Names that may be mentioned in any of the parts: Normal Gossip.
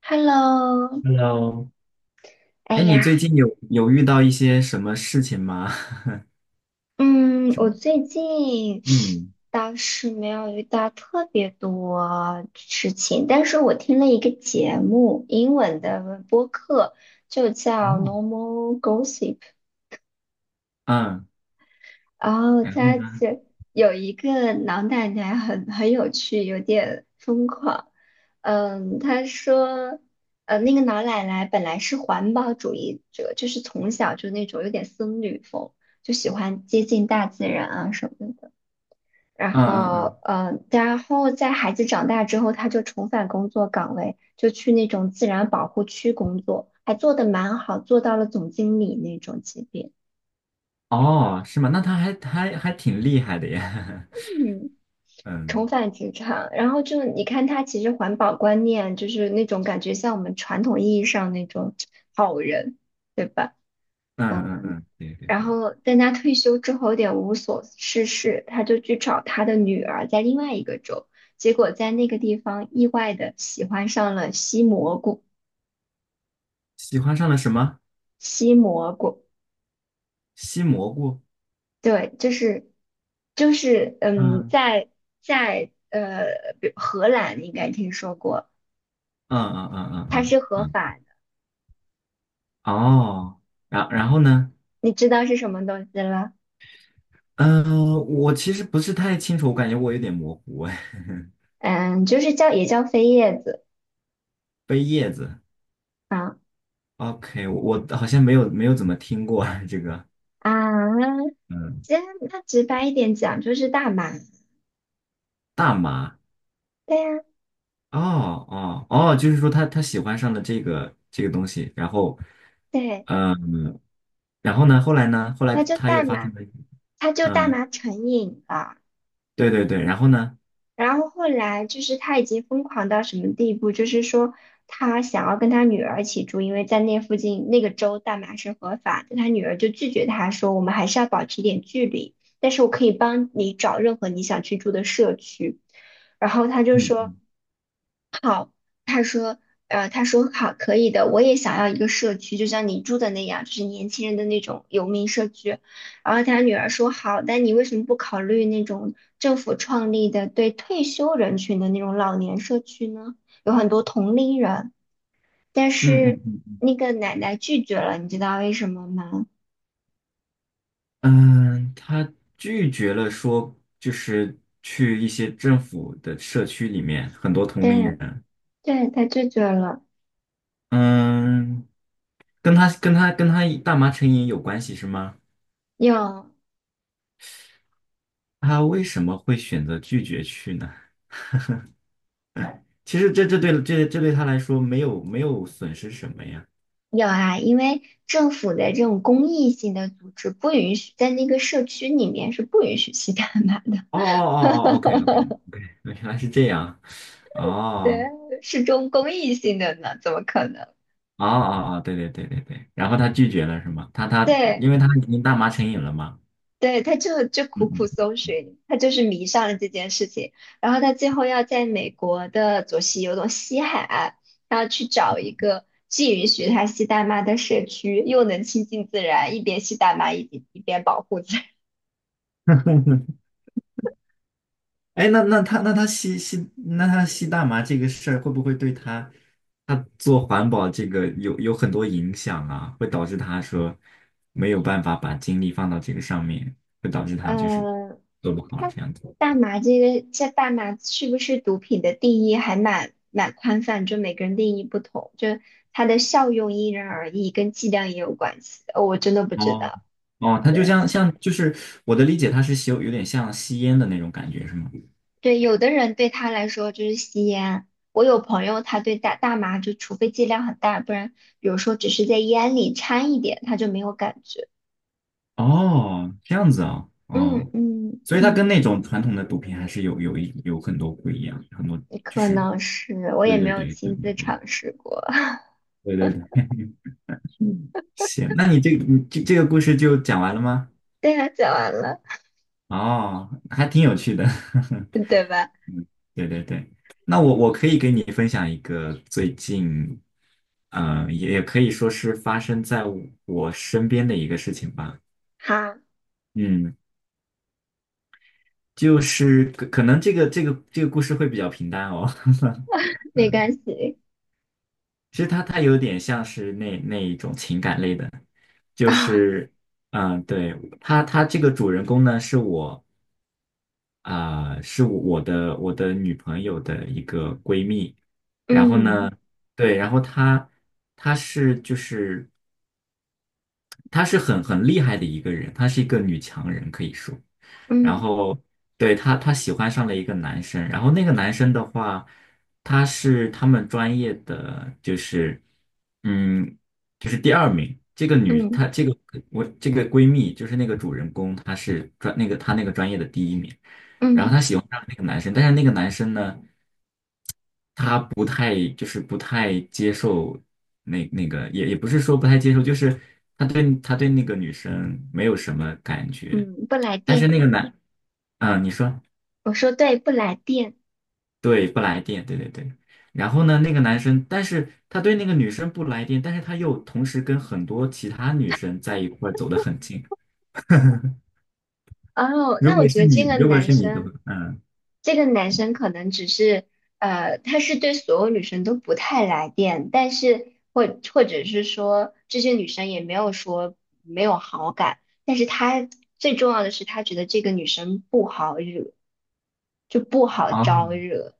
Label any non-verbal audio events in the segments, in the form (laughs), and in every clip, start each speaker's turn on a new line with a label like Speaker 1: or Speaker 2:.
Speaker 1: Hello，
Speaker 2: Hello，
Speaker 1: 哎
Speaker 2: 哎，你
Speaker 1: 呀，
Speaker 2: 最近有遇到一些什么事情吗？(laughs)
Speaker 1: 嗯，
Speaker 2: 什
Speaker 1: 我
Speaker 2: 么。
Speaker 1: 最近
Speaker 2: 嗯，
Speaker 1: 倒是没有遇到特别多事情，但是我听了一个节目，英文的，就叫
Speaker 2: 哦，
Speaker 1: 《Normal Gossip》，
Speaker 2: 嗯，
Speaker 1: 然后
Speaker 2: 然后
Speaker 1: 他
Speaker 2: 呢？
Speaker 1: 这有一个老奶奶很有趣，有点疯狂。嗯，她说，那个老奶奶本来是环保主义者，就是从小就那种有点僧侣风，就喜欢接近大自然啊什么的。然
Speaker 2: 嗯嗯嗯，
Speaker 1: 后，然后在孩子长大之后，她就重返工作岗位，就去那种自然保护区工作，还做得蛮好，做到了总经理那种级别。
Speaker 2: 哦，是吗？那他还挺厉害的呀。
Speaker 1: 嗯。
Speaker 2: (laughs)
Speaker 1: 重
Speaker 2: 嗯
Speaker 1: 返职场，然后就你看他其实环保观念就是那种感觉像我们传统意义上那种好人，对吧？
Speaker 2: 嗯嗯
Speaker 1: 嗯，
Speaker 2: 嗯，对对
Speaker 1: 然
Speaker 2: 对，
Speaker 1: 后但他退休之后有点无所事事，他就去找他的女儿在另外一个州，结果在那个地方意外的喜欢上了吸蘑菇，
Speaker 2: 喜欢上了什么？
Speaker 1: 吸蘑菇，
Speaker 2: 西蘑菇。
Speaker 1: 对，就是就是嗯，
Speaker 2: 嗯
Speaker 1: 在在呃，比荷兰你应该听说过，
Speaker 2: 嗯嗯嗯嗯
Speaker 1: 它
Speaker 2: 嗯
Speaker 1: 是合
Speaker 2: 嗯，
Speaker 1: 法。
Speaker 2: 哦，然后呢？
Speaker 1: 你知道是什么东西了？
Speaker 2: 嗯、我其实不是太清楚，我感觉我有点模糊哎。
Speaker 1: 嗯，就是叫也叫飞叶子
Speaker 2: (laughs) 背叶子
Speaker 1: 啊
Speaker 2: ，OK，我好像没有怎么听过 (laughs) 这个。
Speaker 1: 啊，
Speaker 2: 嗯。
Speaker 1: 这样那直白一点讲就是大麻，
Speaker 2: 大麻，
Speaker 1: 对呀、
Speaker 2: 哦哦哦，就是说他喜欢上了这个东西，然后，
Speaker 1: 对，
Speaker 2: 嗯，然后呢，后来呢，后来
Speaker 1: 那就
Speaker 2: 他
Speaker 1: 大
Speaker 2: 又发生
Speaker 1: 麻，
Speaker 2: 了，
Speaker 1: 它就大
Speaker 2: 嗯，
Speaker 1: 麻成瘾了。
Speaker 2: 对对对，然后呢，
Speaker 1: 然后后来就是他已经疯狂到什么地步，就是说他想要跟他女儿一起住，因为在那附近那个州大麻是合法的，他女儿就拒绝他说我们还是要保持一点距离，但是我可以帮你找任何你想去住的社区。然后他就
Speaker 2: 嗯
Speaker 1: 说。他说，他说好，可以的，我也想要一个社区，就像你住的那样，就是年轻人的那种游民社区。然后他女儿说好，但你为什么不考虑那种政府创立的对退休人群的那种老年社区呢？有很多同龄人，但
Speaker 2: 嗯
Speaker 1: 是
Speaker 2: 嗯嗯，
Speaker 1: 那个奶奶拒绝了，你知道为什么吗？
Speaker 2: 嗯，他拒绝了说就是去一些政府的社区里面很多同龄
Speaker 1: 对，
Speaker 2: 人，
Speaker 1: 对，她拒绝了。
Speaker 2: 嗯，跟他大麻成瘾有关系是吗？
Speaker 1: 有
Speaker 2: 他为什么会选择拒绝去呢？其实这对他来说没有损失什么呀？
Speaker 1: 有啊，因为政府的这种公益性的组织不允许在那个社区里面是不允许吸大麻的。
Speaker 2: 哦哦哦哦，OK OK OK，原来是这样。
Speaker 1: 对，
Speaker 2: 哦
Speaker 1: 是中公益性的呢，怎么可能？
Speaker 2: 哦哦哦，对对对对对。然后他拒绝了是吗？他
Speaker 1: 对，
Speaker 2: 因为他已经大麻成瘾了嘛。
Speaker 1: 对，他就
Speaker 2: 嗯
Speaker 1: 苦苦
Speaker 2: 嗯。
Speaker 1: 搜寻，他就是迷上了这件事情，然后他最后要在美国的左西有种西海岸，他要去找一个既允许他吸大麻的社区，又能亲近自然，一边吸大麻一边保护自然
Speaker 2: 哎，那他吸大麻这个事儿会不会对他做环保这个有很多影响啊？会导致他说没有办法把精力放到这个上面，会导致
Speaker 1: (laughs)
Speaker 2: 他就是
Speaker 1: 嗯，呃
Speaker 2: 做不好
Speaker 1: 那
Speaker 2: 这样子。
Speaker 1: 大麻这个，这大麻是不是毒品的定义还蛮宽泛，就每个人定义不同，就它的效用因人而异，跟剂量也有关系。哦，我真的不知
Speaker 2: 哦
Speaker 1: 道。
Speaker 2: 哦，它就
Speaker 1: 对
Speaker 2: 像就是我的理解，它是吸有点像吸烟的那种感觉，是吗？
Speaker 1: 对，有的人对他来说就是吸烟，我有朋友他对大麻就除非剂量很大，不然比如说只是在烟里掺一点，他就没有感觉。
Speaker 2: 哦，这样子啊，
Speaker 1: 嗯
Speaker 2: 哦，
Speaker 1: 嗯
Speaker 2: 所以它跟
Speaker 1: 嗯，
Speaker 2: 那种传统的毒品还是有很多不一样，很多就
Speaker 1: 可
Speaker 2: 是
Speaker 1: 能是，我也
Speaker 2: 对
Speaker 1: 没
Speaker 2: 对
Speaker 1: 有
Speaker 2: 对对
Speaker 1: 亲自
Speaker 2: 对
Speaker 1: 尝试过。(laughs)
Speaker 2: 对对对，行，那你这个故事就讲完了吗？
Speaker 1: 对呀，讲完了，
Speaker 2: 哦，还挺有趣的。
Speaker 1: 对吧？
Speaker 2: (laughs) 嗯，对对对，那我可以给你分享一个最近，也可以说是发生在我身边的一个事情吧。
Speaker 1: 好。
Speaker 2: 嗯，就是可能这个故事会比较平淡哦。(laughs)
Speaker 1: 没
Speaker 2: 嗯，
Speaker 1: 关系
Speaker 2: 其实它有点像是那一种情感类的，就
Speaker 1: 啊，
Speaker 2: 是，嗯、对，它这个主人公呢是我。是我的女朋友的一个闺蜜，然后
Speaker 1: 嗯
Speaker 2: 呢，对，然后她是就是她是很厉害的一个人，她是一个女强人，可以说。然
Speaker 1: 嗯
Speaker 2: 后对她，她喜欢上了一个男生，然后那个男生的话，他是他们专业的，嗯，就是第二名。这个女，
Speaker 1: 嗯
Speaker 2: 她这个我这个闺蜜，就是那个主人公，她是专那个她那个专业的第一名。然后
Speaker 1: 嗯
Speaker 2: 她喜欢上了那个男生，但是那个男生呢，他不太接受那个，也不是说不太接受，就是他对那个女生没有什么感觉，
Speaker 1: 嗯，不来
Speaker 2: 但是
Speaker 1: 电，
Speaker 2: 那个男，嗯，你说
Speaker 1: 我说对，不来电。
Speaker 2: 对，不来电，对对对。然后呢，那个男生，但是他对那个女生不来电，但是他又同时跟很多其他女生在一块儿走得很近。
Speaker 1: 哦，那我觉得这个
Speaker 2: 如果
Speaker 1: 男
Speaker 2: 是你的话，
Speaker 1: 生，
Speaker 2: 嗯，
Speaker 1: 这个男生可能只是，他是对所有女生都不太来电，但是或者是说这些女生也没有说没有好感，但是他最重要的是他觉得这个女生不好惹，就不好
Speaker 2: 啊，
Speaker 1: 招惹。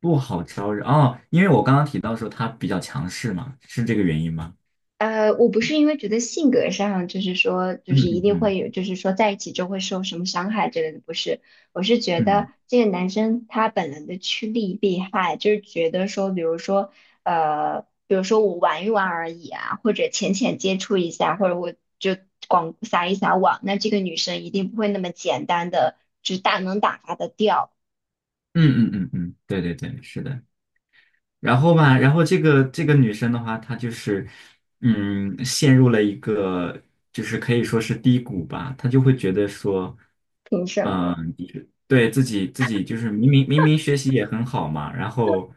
Speaker 2: 不好招惹哦，因为我刚刚提到说他比较强势嘛，是这个原因吗？
Speaker 1: 我不是因为觉得性格上就是说，就
Speaker 2: 嗯
Speaker 1: 是一
Speaker 2: 嗯
Speaker 1: 定
Speaker 2: 嗯
Speaker 1: 会有，就是说在一起就会受什么伤害之类的，不是。我是觉得
Speaker 2: 嗯
Speaker 1: 这个男生他本能的趋利避害，就是觉得说，比如说，比如说我玩一玩而已啊，或者浅浅接触一下，或者我就广撒网，那这个女生一定不会那么简单的，就是大能打发的掉，
Speaker 2: 嗯嗯嗯嗯，对对对，是的。然后吧，然后这个女生的话，她就是，嗯，陷入了一个就是可以说是低谷吧，她就会觉得说，
Speaker 1: 凭什
Speaker 2: 嗯、
Speaker 1: 么？
Speaker 2: 就是对自己就是明明学习也很好嘛，然后，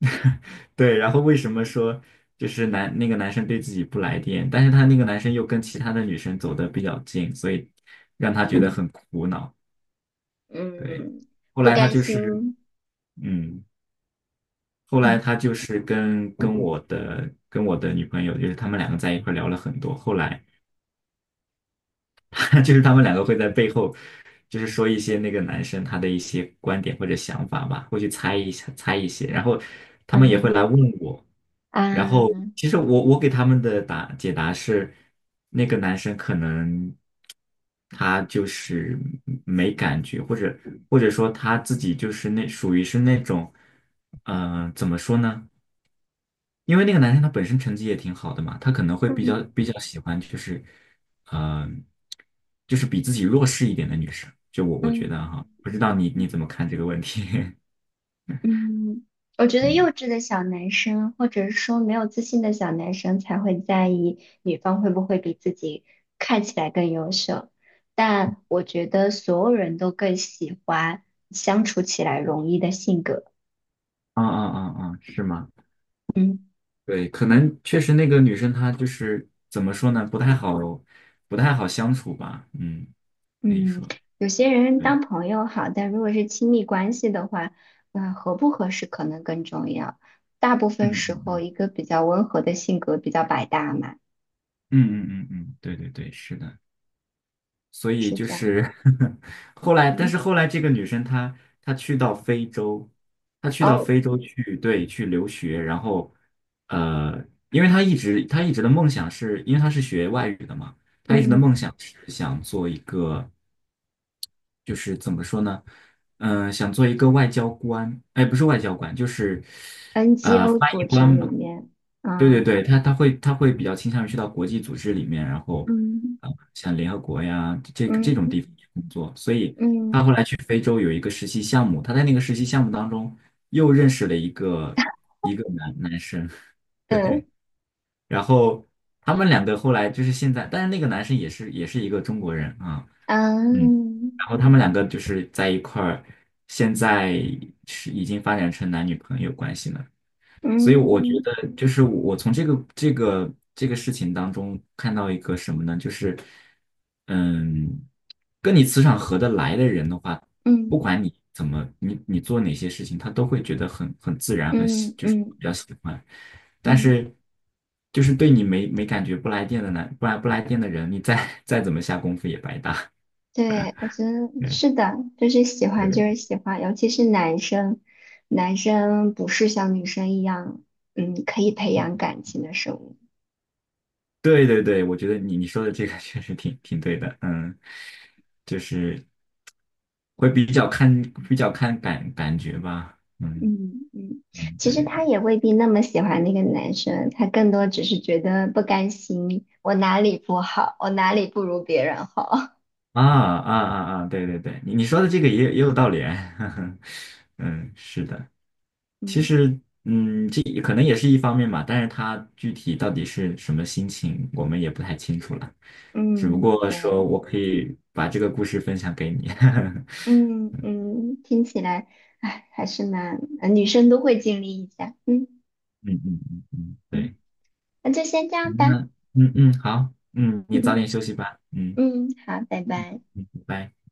Speaker 2: (laughs) 对，然后为什么说就是那个男生对自己不来电，但是他那个男生又跟其他的女生走的比较近，所以让她觉得很苦恼。对，
Speaker 1: 嗯，
Speaker 2: 后
Speaker 1: 不
Speaker 2: 来她
Speaker 1: 甘
Speaker 2: 就是，
Speaker 1: 心，
Speaker 2: 嗯。后来
Speaker 1: 嗯
Speaker 2: 他就是跟我的女朋友，就是他们两个在一块聊了很多。后来 (laughs) 就是他们两个会在背后，就是说一些那个男生他的一些观点或者想法吧，会去猜一些，然后他们也会
Speaker 1: 嗯
Speaker 2: 来问我。然后
Speaker 1: 嗯
Speaker 2: 其实我给他们的解答是，那个男生可能他就是没感觉，或者说他自己就是属于是那种，嗯、怎么说呢？因为那个男生他本身成绩也挺好的嘛，他可能会比
Speaker 1: 嗯。
Speaker 2: 较比较喜欢就是，嗯、就是比自己弱势一点的女生。就我觉得哈，
Speaker 1: 嗯
Speaker 2: 不知道你怎么看这个问题？
Speaker 1: 嗯，我觉
Speaker 2: (laughs)
Speaker 1: 得幼
Speaker 2: 嗯，
Speaker 1: 稚的小男生，或者是说没有自信的小男生，才会在意女方会不会比自己看起来更优秀。但我觉得所有人都更喜欢相处起来容易的性格。
Speaker 2: 啊啊啊啊，是吗？
Speaker 1: 嗯
Speaker 2: 对，可能确实那个女生她就是怎么说呢，不太好，不太好相处吧。嗯，可以
Speaker 1: 嗯，
Speaker 2: 说，
Speaker 1: 有些人
Speaker 2: 对，
Speaker 1: 当朋友好，但如果是亲密关系的话，那合不合适可能更重要。大部分
Speaker 2: 嗯
Speaker 1: 时
Speaker 2: 嗯
Speaker 1: 候，
Speaker 2: 嗯
Speaker 1: 一个比较温和的性格比较百搭嘛，
Speaker 2: 嗯嗯嗯嗯，对对对，是的。所以
Speaker 1: 是
Speaker 2: 就
Speaker 1: 这样。
Speaker 2: 是 (laughs) 后来，但
Speaker 1: 嗯，
Speaker 2: 是后来这个女生她去到非洲，她去到
Speaker 1: 哦。
Speaker 2: 非洲去，对，去留学，然后呃，因为她一直的梦想是，因为她是学外语的嘛，她一直的
Speaker 1: 嗯，
Speaker 2: 梦想是想做一个，就是怎么说呢，嗯、想做一个外交官，哎，不是外交官，就是
Speaker 1: NGO
Speaker 2: 翻
Speaker 1: 组
Speaker 2: 译
Speaker 1: 织
Speaker 2: 官
Speaker 1: 里
Speaker 2: 吧。
Speaker 1: 面，
Speaker 2: 对对
Speaker 1: 嗯
Speaker 2: 对，他会比较倾向于去到国际组织里面，然后
Speaker 1: 嗯，
Speaker 2: 像联合国呀这种地
Speaker 1: 嗯
Speaker 2: 方去工作，所以他后
Speaker 1: 嗯
Speaker 2: 来去非洲有一个实习项目，他在那个实习项目当中又认识了一个男生，(laughs) 对，
Speaker 1: 嗯
Speaker 2: 然后他们两个后来就是现在，但是那个男生也是一个中国人啊，嗯，然
Speaker 1: 嗯
Speaker 2: 后他们两个就是在一块儿，现在是已经发展成男女朋友关系了。所以我觉
Speaker 1: 嗯
Speaker 2: 得，就是我从这个事情当中看到一个什么呢？就是，嗯，跟你磁场合得来的人的话，不
Speaker 1: 嗯
Speaker 2: 管你怎么，你做哪些事情，他都会觉得很自然，
Speaker 1: 嗯
Speaker 2: 就是
Speaker 1: 嗯
Speaker 2: 比较喜欢。但
Speaker 1: 嗯，
Speaker 2: 是，就是对你没感觉不来电的呢，不来电的人，你再 (laughs) 再怎么下功夫也白搭。
Speaker 1: 对，我觉得
Speaker 2: (laughs) 对
Speaker 1: 是的，就是喜
Speaker 2: 对
Speaker 1: 欢就
Speaker 2: 对，
Speaker 1: 是喜欢，尤其是男生，男生不是像女生一样，嗯，可以培养感情的生物。
Speaker 2: 对对对，我觉得你说的这个 (laughs) 确实挺对的，嗯，就是会比较看感觉吧，嗯
Speaker 1: 嗯嗯，
Speaker 2: 嗯，
Speaker 1: 其
Speaker 2: 对
Speaker 1: 实
Speaker 2: 对对，
Speaker 1: 他也未必那么喜欢那个男生，他更多只是觉得不甘心，我哪里不好，我哪里不如别人好。
Speaker 2: 啊啊啊啊，对对对，你说的这个也有道理，(laughs) 呵呵嗯，是的，
Speaker 1: (laughs)
Speaker 2: 其
Speaker 1: 嗯。
Speaker 2: 实嗯，这可能也是一方面吧，但是他具体到底是什么心情，我们也不太清楚了，只不
Speaker 1: 嗯，
Speaker 2: 过说
Speaker 1: 对，
Speaker 2: 我可以把这个故事分享给你，(laughs)
Speaker 1: 嗯嗯，听起来，哎，还是蛮，女生都会经历一下，嗯
Speaker 2: 嗯嗯嗯嗯，
Speaker 1: 嗯，
Speaker 2: 对。
Speaker 1: 那就先这样
Speaker 2: 行
Speaker 1: 吧，
Speaker 2: 那嗯嗯，好，嗯，你早
Speaker 1: 嗯
Speaker 2: 点休息吧，嗯
Speaker 1: 嗯，好，拜拜。
Speaker 2: 嗯，拜拜。